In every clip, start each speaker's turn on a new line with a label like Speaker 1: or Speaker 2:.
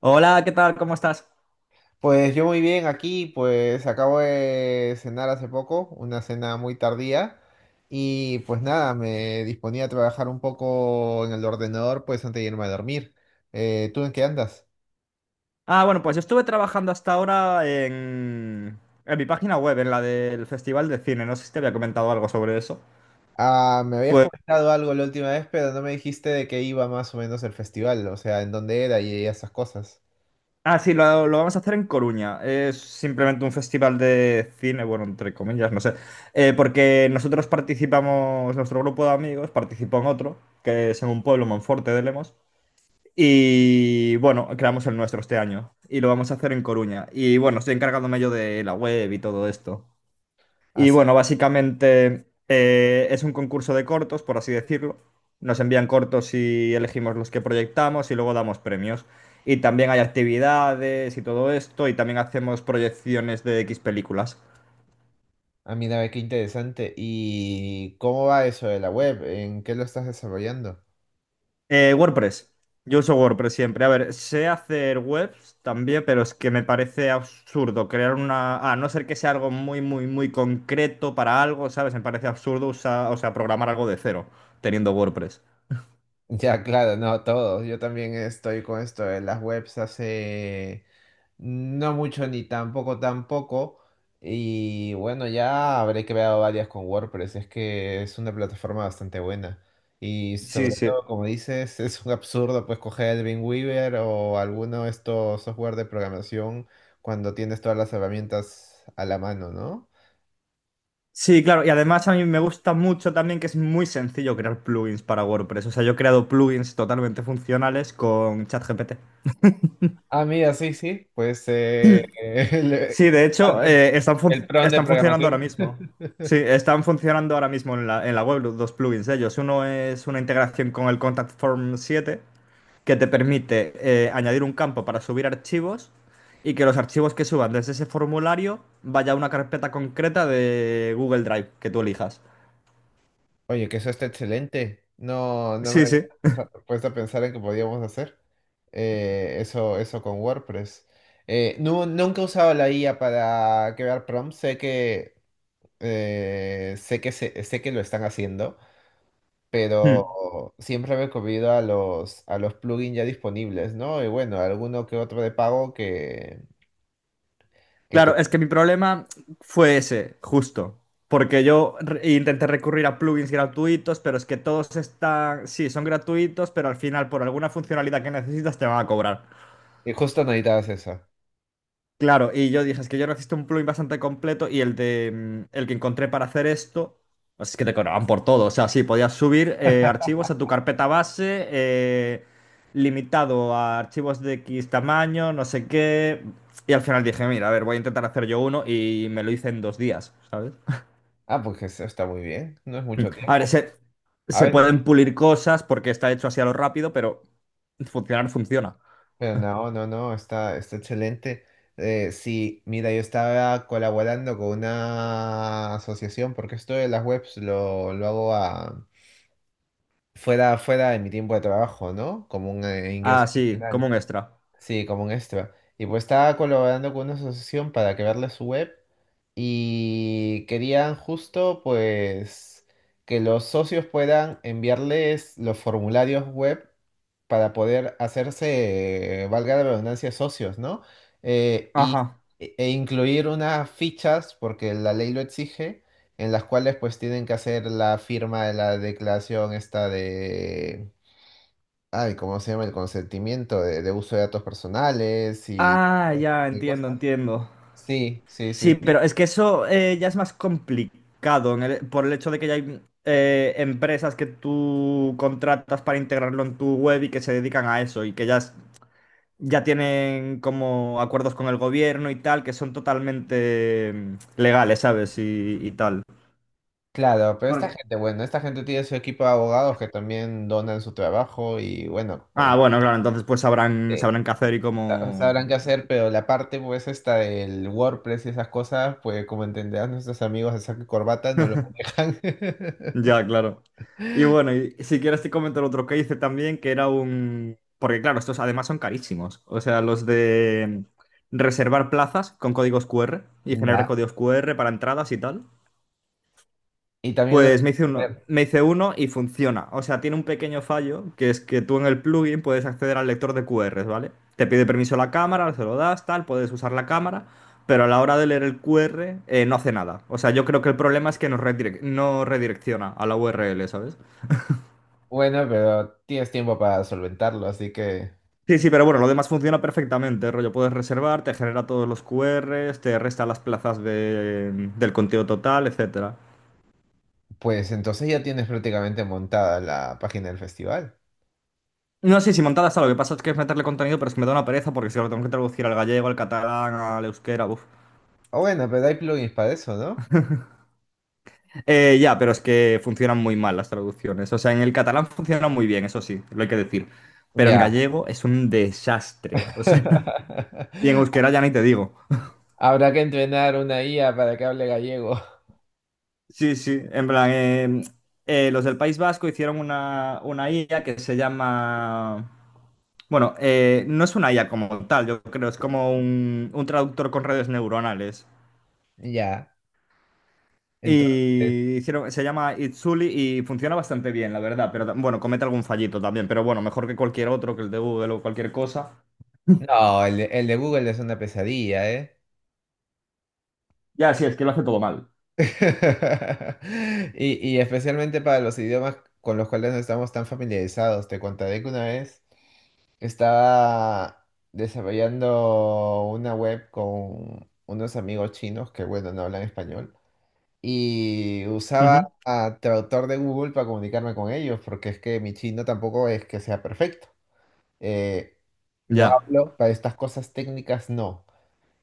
Speaker 1: Hola, ¿qué tal? ¿Cómo estás?
Speaker 2: Pues yo muy bien aquí, pues acabo de cenar hace poco, una cena muy tardía y pues nada, me disponía a trabajar un poco en el ordenador pues antes de irme a dormir. ¿Tú en qué andas?
Speaker 1: Bueno, pues yo estuve trabajando hasta ahora en mi página web, en la del Festival de Cine. No sé si te había comentado algo sobre eso.
Speaker 2: Ah, me habías
Speaker 1: Pues,
Speaker 2: comentado algo la última vez, pero no me dijiste de qué iba más o menos el festival, o sea, en dónde era y esas cosas.
Speaker 1: sí, lo vamos a hacer en Coruña. Es simplemente un festival de cine, bueno, entre comillas, no sé. Porque nosotros participamos, nuestro grupo de amigos participó en otro, que es en un pueblo, Monforte de Lemos. Y bueno, creamos el nuestro este año y lo vamos a hacer en Coruña. Y bueno, estoy encargándome yo de la web y todo esto. Y
Speaker 2: Así.
Speaker 1: bueno, básicamente es un concurso de cortos, por así decirlo. Nos envían cortos y elegimos los que proyectamos y luego damos premios. Y también hay actividades y todo esto, y también hacemos proyecciones de X películas.
Speaker 2: Ah, mira, ve qué interesante. ¿Y cómo va eso de la web? ¿En qué lo estás desarrollando?
Speaker 1: WordPress. Yo uso WordPress siempre. A ver, sé hacer webs también, pero es que me parece absurdo crear una A no ser que sea algo muy, muy, muy concreto para algo, ¿sabes? Me parece absurdo usar, o sea, programar algo de cero teniendo WordPress.
Speaker 2: Ya, claro, no, todos. Yo también estoy con esto de las webs hace no mucho ni tampoco. Y bueno, ya habré creado varias con WordPress. Es que es una plataforma bastante buena. Y
Speaker 1: Sí,
Speaker 2: sobre
Speaker 1: sí.
Speaker 2: todo, como dices, es un absurdo pues coger el Weaver o alguno de estos software de programación cuando tienes todas las herramientas a la mano, ¿no?
Speaker 1: Sí, claro, y además a mí me gusta mucho también que es muy sencillo crear plugins para WordPress. O sea, yo he creado plugins totalmente funcionales con ChatGPT.
Speaker 2: Ah, mira, sí, sí. Pues
Speaker 1: Sí, de hecho,
Speaker 2: el prompt de
Speaker 1: están funcionando ahora
Speaker 2: programación.
Speaker 1: mismo. Sí, están funcionando ahora mismo en en la web los dos plugins de ellos. Uno es una integración con el Contact Form 7 que te permite añadir un campo para subir archivos y que los archivos que suban desde ese formulario vaya a una carpeta concreta de Google Drive que tú elijas.
Speaker 2: Oye, que eso está excelente. No, no me
Speaker 1: Sí,
Speaker 2: había
Speaker 1: sí.
Speaker 2: puesto a pensar en que podíamos hacer eso con WordPress. Nunca he usado la IA para crear prompts. Sé que sé que lo están haciendo,
Speaker 1: Hmm.
Speaker 2: pero siempre me he comido a a los plugins ya disponibles, ¿no? Y bueno, alguno que otro de pago que te...
Speaker 1: Claro, es que mi problema fue ese, justo. Porque yo intenté recurrir a plugins gratuitos, pero es que todos están, sí, son gratuitos, pero al final por alguna funcionalidad que necesitas te van a cobrar.
Speaker 2: que justo necesitabas eso.
Speaker 1: Claro, y yo dije, es que yo necesito un plugin bastante completo y el de el que encontré para hacer esto, pues es que te cobraban por todo. O sea, sí, podías subir archivos a tu carpeta base, limitado a archivos de X tamaño, no sé qué. Y al final dije, mira, a ver, voy a intentar hacer yo uno y me lo hice en dos días, ¿sabes?
Speaker 2: Ah, pues eso está muy bien. No es mucho
Speaker 1: A ver,
Speaker 2: tiempo. A
Speaker 1: se
Speaker 2: veces
Speaker 1: pueden pulir cosas porque está hecho así a lo rápido, pero funcionar funciona.
Speaker 2: pero no, está, está excelente. Sí, mira, yo estaba colaborando con una asociación, porque esto de las webs lo hago fuera, fuera de mi tiempo de trabajo, ¿no? Como un ingreso
Speaker 1: Ah, sí,
Speaker 2: adicional.
Speaker 1: como un extra.
Speaker 2: Sí, como un extra. Y pues estaba colaborando con una asociación para crearle su web y querían justo pues que los socios puedan enviarles los formularios web para poder hacerse, valga la redundancia, socios, ¿no? Eh, y,
Speaker 1: Ajá.
Speaker 2: e incluir unas fichas, porque la ley lo exige, en las cuales pues tienen que hacer la firma de la declaración esta. Ay, ¿cómo se llama? El consentimiento de uso de datos personales
Speaker 1: Ah, ya,
Speaker 2: y
Speaker 1: entiendo,
Speaker 2: cosas.
Speaker 1: entiendo.
Speaker 2: Sí, sí, sí,
Speaker 1: Sí, pero
Speaker 2: sí.
Speaker 1: es que eso ya es más complicado en por el hecho de que ya hay empresas que tú contratas para integrarlo en tu web y que se dedican a eso y que ya, ya tienen como acuerdos con el gobierno y tal, que son totalmente legales, ¿sabes? Y tal.
Speaker 2: Claro, pero esta
Speaker 1: Porque,
Speaker 2: gente, bueno, esta gente tiene su equipo de abogados que también donan su trabajo y bueno,
Speaker 1: Ah,
Speaker 2: con,
Speaker 1: bueno, claro, entonces pues sabrán,
Speaker 2: eh,
Speaker 1: sabrán qué hacer y
Speaker 2: sabrán
Speaker 1: cómo
Speaker 2: qué hacer, pero la parte pues esta del WordPress y esas cosas, pues como entenderán nuestros amigos de saco y corbata no lo manejan.
Speaker 1: Ya, claro. Y bueno, y si quieres te comento el otro que hice también, que era un Porque claro, estos además son carísimos. O sea, los de reservar plazas con códigos QR y generar
Speaker 2: Ya.
Speaker 1: códigos QR para entradas y tal.
Speaker 2: Y también lo...
Speaker 1: Pues me hice uno y funciona. O sea, tiene un pequeño fallo, que es que tú en el plugin puedes acceder al lector de QRs, ¿vale? Te pide permiso la cámara, se lo das, tal, puedes usar la cámara, pero a la hora de leer el QR no hace nada. O sea, yo creo que el problema es que nos no redirecciona a la URL, ¿sabes?
Speaker 2: Bueno, pero tienes tiempo para solventarlo, así que...
Speaker 1: Sí, sí, pero bueno, lo demás funciona perfectamente. Rollo, puedes reservar, te genera todos los Q QRs, te resta las plazas del contenido total, etcétera.
Speaker 2: Pues entonces ya tienes prácticamente montada la página del festival.
Speaker 1: No sí, si montada está, lo que pasa es que es meterle contenido, pero es que me da una pereza porque si lo tengo que traducir al gallego, al catalán, al euskera, buf.
Speaker 2: Ah, bueno, pero hay plugins para eso, ¿no?
Speaker 1: Ya, pero es que funcionan muy mal las traducciones. O sea, en el catalán funciona muy bien, eso sí, lo hay que decir. Pero en
Speaker 2: Ya.
Speaker 1: gallego es un desastre. O sea, y en euskera ya ni te digo.
Speaker 2: Habrá que entrenar una IA para que hable gallego.
Speaker 1: Sí, sí, en plan, los del País Vasco hicieron una IA que se llama, bueno, no es una IA como tal, yo creo, es como un traductor con redes neuronales.
Speaker 2: Ya. Entonces,
Speaker 1: Y hicieron, se llama Itzuli y funciona bastante bien, la verdad, pero comete algún fallito también, pero bueno, mejor que cualquier otro, que el de Google o cualquier cosa.
Speaker 2: no, el de Google es una pesadilla, ¿eh?
Speaker 1: Ya, sí, es que lo hace todo mal.
Speaker 2: Y, y especialmente para los idiomas con los cuales no estamos tan familiarizados. Te contaré que una vez estaba desarrollando una web con unos amigos chinos que, bueno, no hablan español, y usaba
Speaker 1: Ujú.
Speaker 2: a traductor de Google para comunicarme con ellos, porque es que mi chino tampoco es que sea perfecto. Eh, lo
Speaker 1: Ya.
Speaker 2: hablo, para estas cosas técnicas no.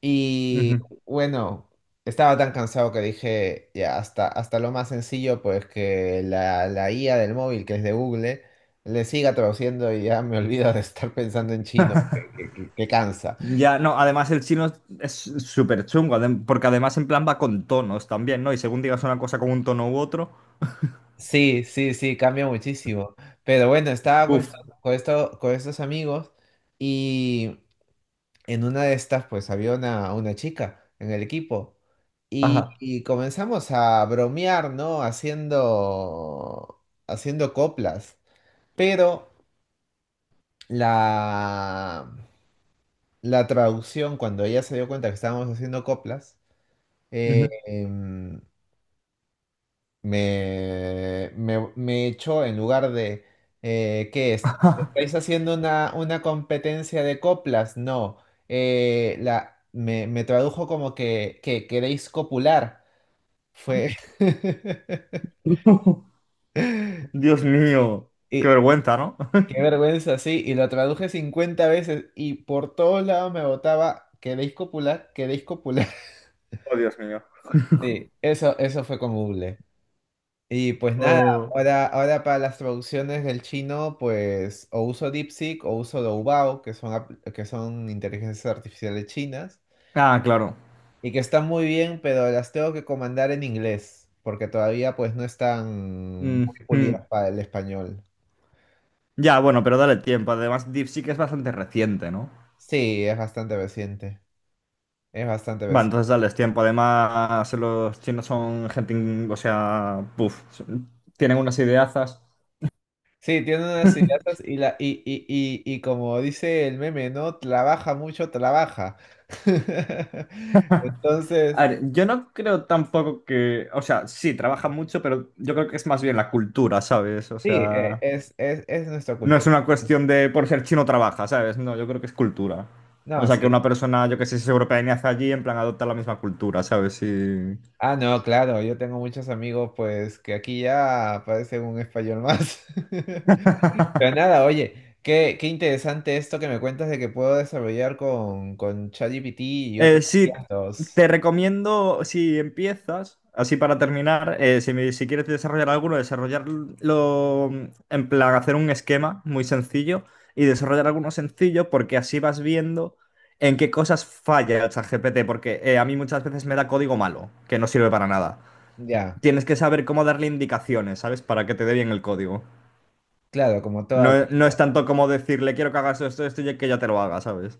Speaker 2: Y
Speaker 1: Ujú.
Speaker 2: bueno, estaba tan cansado que dije, ya, hasta lo más sencillo, pues que la IA del móvil, que es de Google, le siga traduciendo y ya me olvido de estar pensando en chino, que cansa.
Speaker 1: Ya, no, además el chino es súper chungo, porque además en plan va con tonos también, ¿no? Y según digas una cosa con un tono u otro,
Speaker 2: Sí, sí, sí, cambia muchísimo. Pero bueno, estaba con
Speaker 1: uff,
Speaker 2: con estos amigos y en una de estas pues había una chica en el equipo
Speaker 1: ajá.
Speaker 2: y comenzamos a bromear, ¿no? Haciendo coplas. Pero la, la traducción, cuando ella se dio cuenta que estábamos haciendo coplas,
Speaker 1: Ujú.
Speaker 2: em, me echó en lugar de, ¿qué es? ¿Estáis haciendo una competencia de coplas? No. Me tradujo como que queréis copular. Fue.
Speaker 1: Dios mío, qué
Speaker 2: Y
Speaker 1: vergüenza, ¿no?
Speaker 2: qué vergüenza, sí. Y lo traduje 50 veces y por todos lados me botaba, ¿queréis copular? ¿Queréis copular?
Speaker 1: Oh, Dios mío.
Speaker 2: Sí, eso fue como Google. Y pues nada,
Speaker 1: Oh.
Speaker 2: ahora para las traducciones del chino, pues o uso DeepSeek o uso Doubao, que son inteligencias artificiales chinas,
Speaker 1: Ah, claro.
Speaker 2: y que están muy bien, pero las tengo que comandar en inglés, porque todavía pues no están
Speaker 1: Mm,
Speaker 2: muy pulidas
Speaker 1: mm.
Speaker 2: para el español.
Speaker 1: Ya, bueno, pero dale tiempo. Además, DeepSeek es bastante reciente, ¿no?
Speaker 2: Sí, es bastante reciente, es bastante
Speaker 1: Va,
Speaker 2: reciente.
Speaker 1: entonces dales tiempo. Además, los chinos son gente, o sea, puf, tienen unas ideazas.
Speaker 2: Sí, tiene unas ideas y, la, y como dice el meme, ¿no? Trabaja mucho, trabaja. Entonces...
Speaker 1: A ver, yo no creo tampoco que, o sea, sí, trabaja mucho, pero yo creo que es más bien la cultura, ¿sabes? O
Speaker 2: Sí,
Speaker 1: sea,
Speaker 2: es nuestra
Speaker 1: no es
Speaker 2: cultura.
Speaker 1: una cuestión de por ser chino trabaja, ¿sabes? No, yo creo que es cultura. O
Speaker 2: No,
Speaker 1: sea, que
Speaker 2: sí.
Speaker 1: una persona, yo que sé, si es europea y nace allí, en plan adopta la misma cultura, ¿sabes? Sí.
Speaker 2: Ah, no, claro, yo tengo muchos amigos, pues, que aquí ya parecen un español más. Pero nada, oye, qué interesante esto que me cuentas de que puedo desarrollar con ChatGPT y otros
Speaker 1: Sí,
Speaker 2: guías.
Speaker 1: te recomiendo, si empiezas, así para terminar, si quieres desarrollar alguno, desarrollarlo en plan, hacer un esquema muy sencillo y desarrollar alguno sencillo porque así vas viendo en qué cosas falla el ChatGPT, porque a mí muchas veces me da código malo, que no sirve para nada.
Speaker 2: Ya,
Speaker 1: Tienes que saber cómo darle indicaciones, ¿sabes? Para que te dé bien el código.
Speaker 2: claro, como toda la
Speaker 1: No, no es
Speaker 2: vida.
Speaker 1: tanto como decirle, quiero que hagas esto, esto y que ya te lo haga, ¿sabes?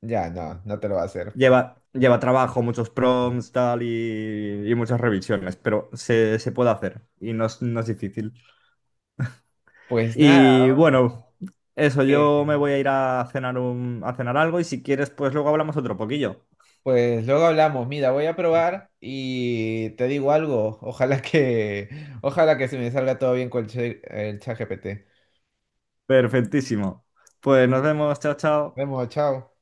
Speaker 2: Ya, no, no te lo va a hacer, pues.
Speaker 1: Lleva trabajo, muchos prompts, tal, y muchas revisiones, pero se puede hacer y no es, no es difícil.
Speaker 2: Pues nada,
Speaker 1: Y bueno, eso,
Speaker 2: eh,
Speaker 1: yo me voy a ir a cenar, un, a cenar algo y si quieres, pues luego hablamos otro poquillo.
Speaker 2: pues luego hablamos. Mira, voy a probar y te digo algo. Ojalá que se me salga todo bien con el ChatGPT.
Speaker 1: Perfectísimo. Pues nos vemos, chao,
Speaker 2: Nos
Speaker 1: chao.
Speaker 2: vemos, chao.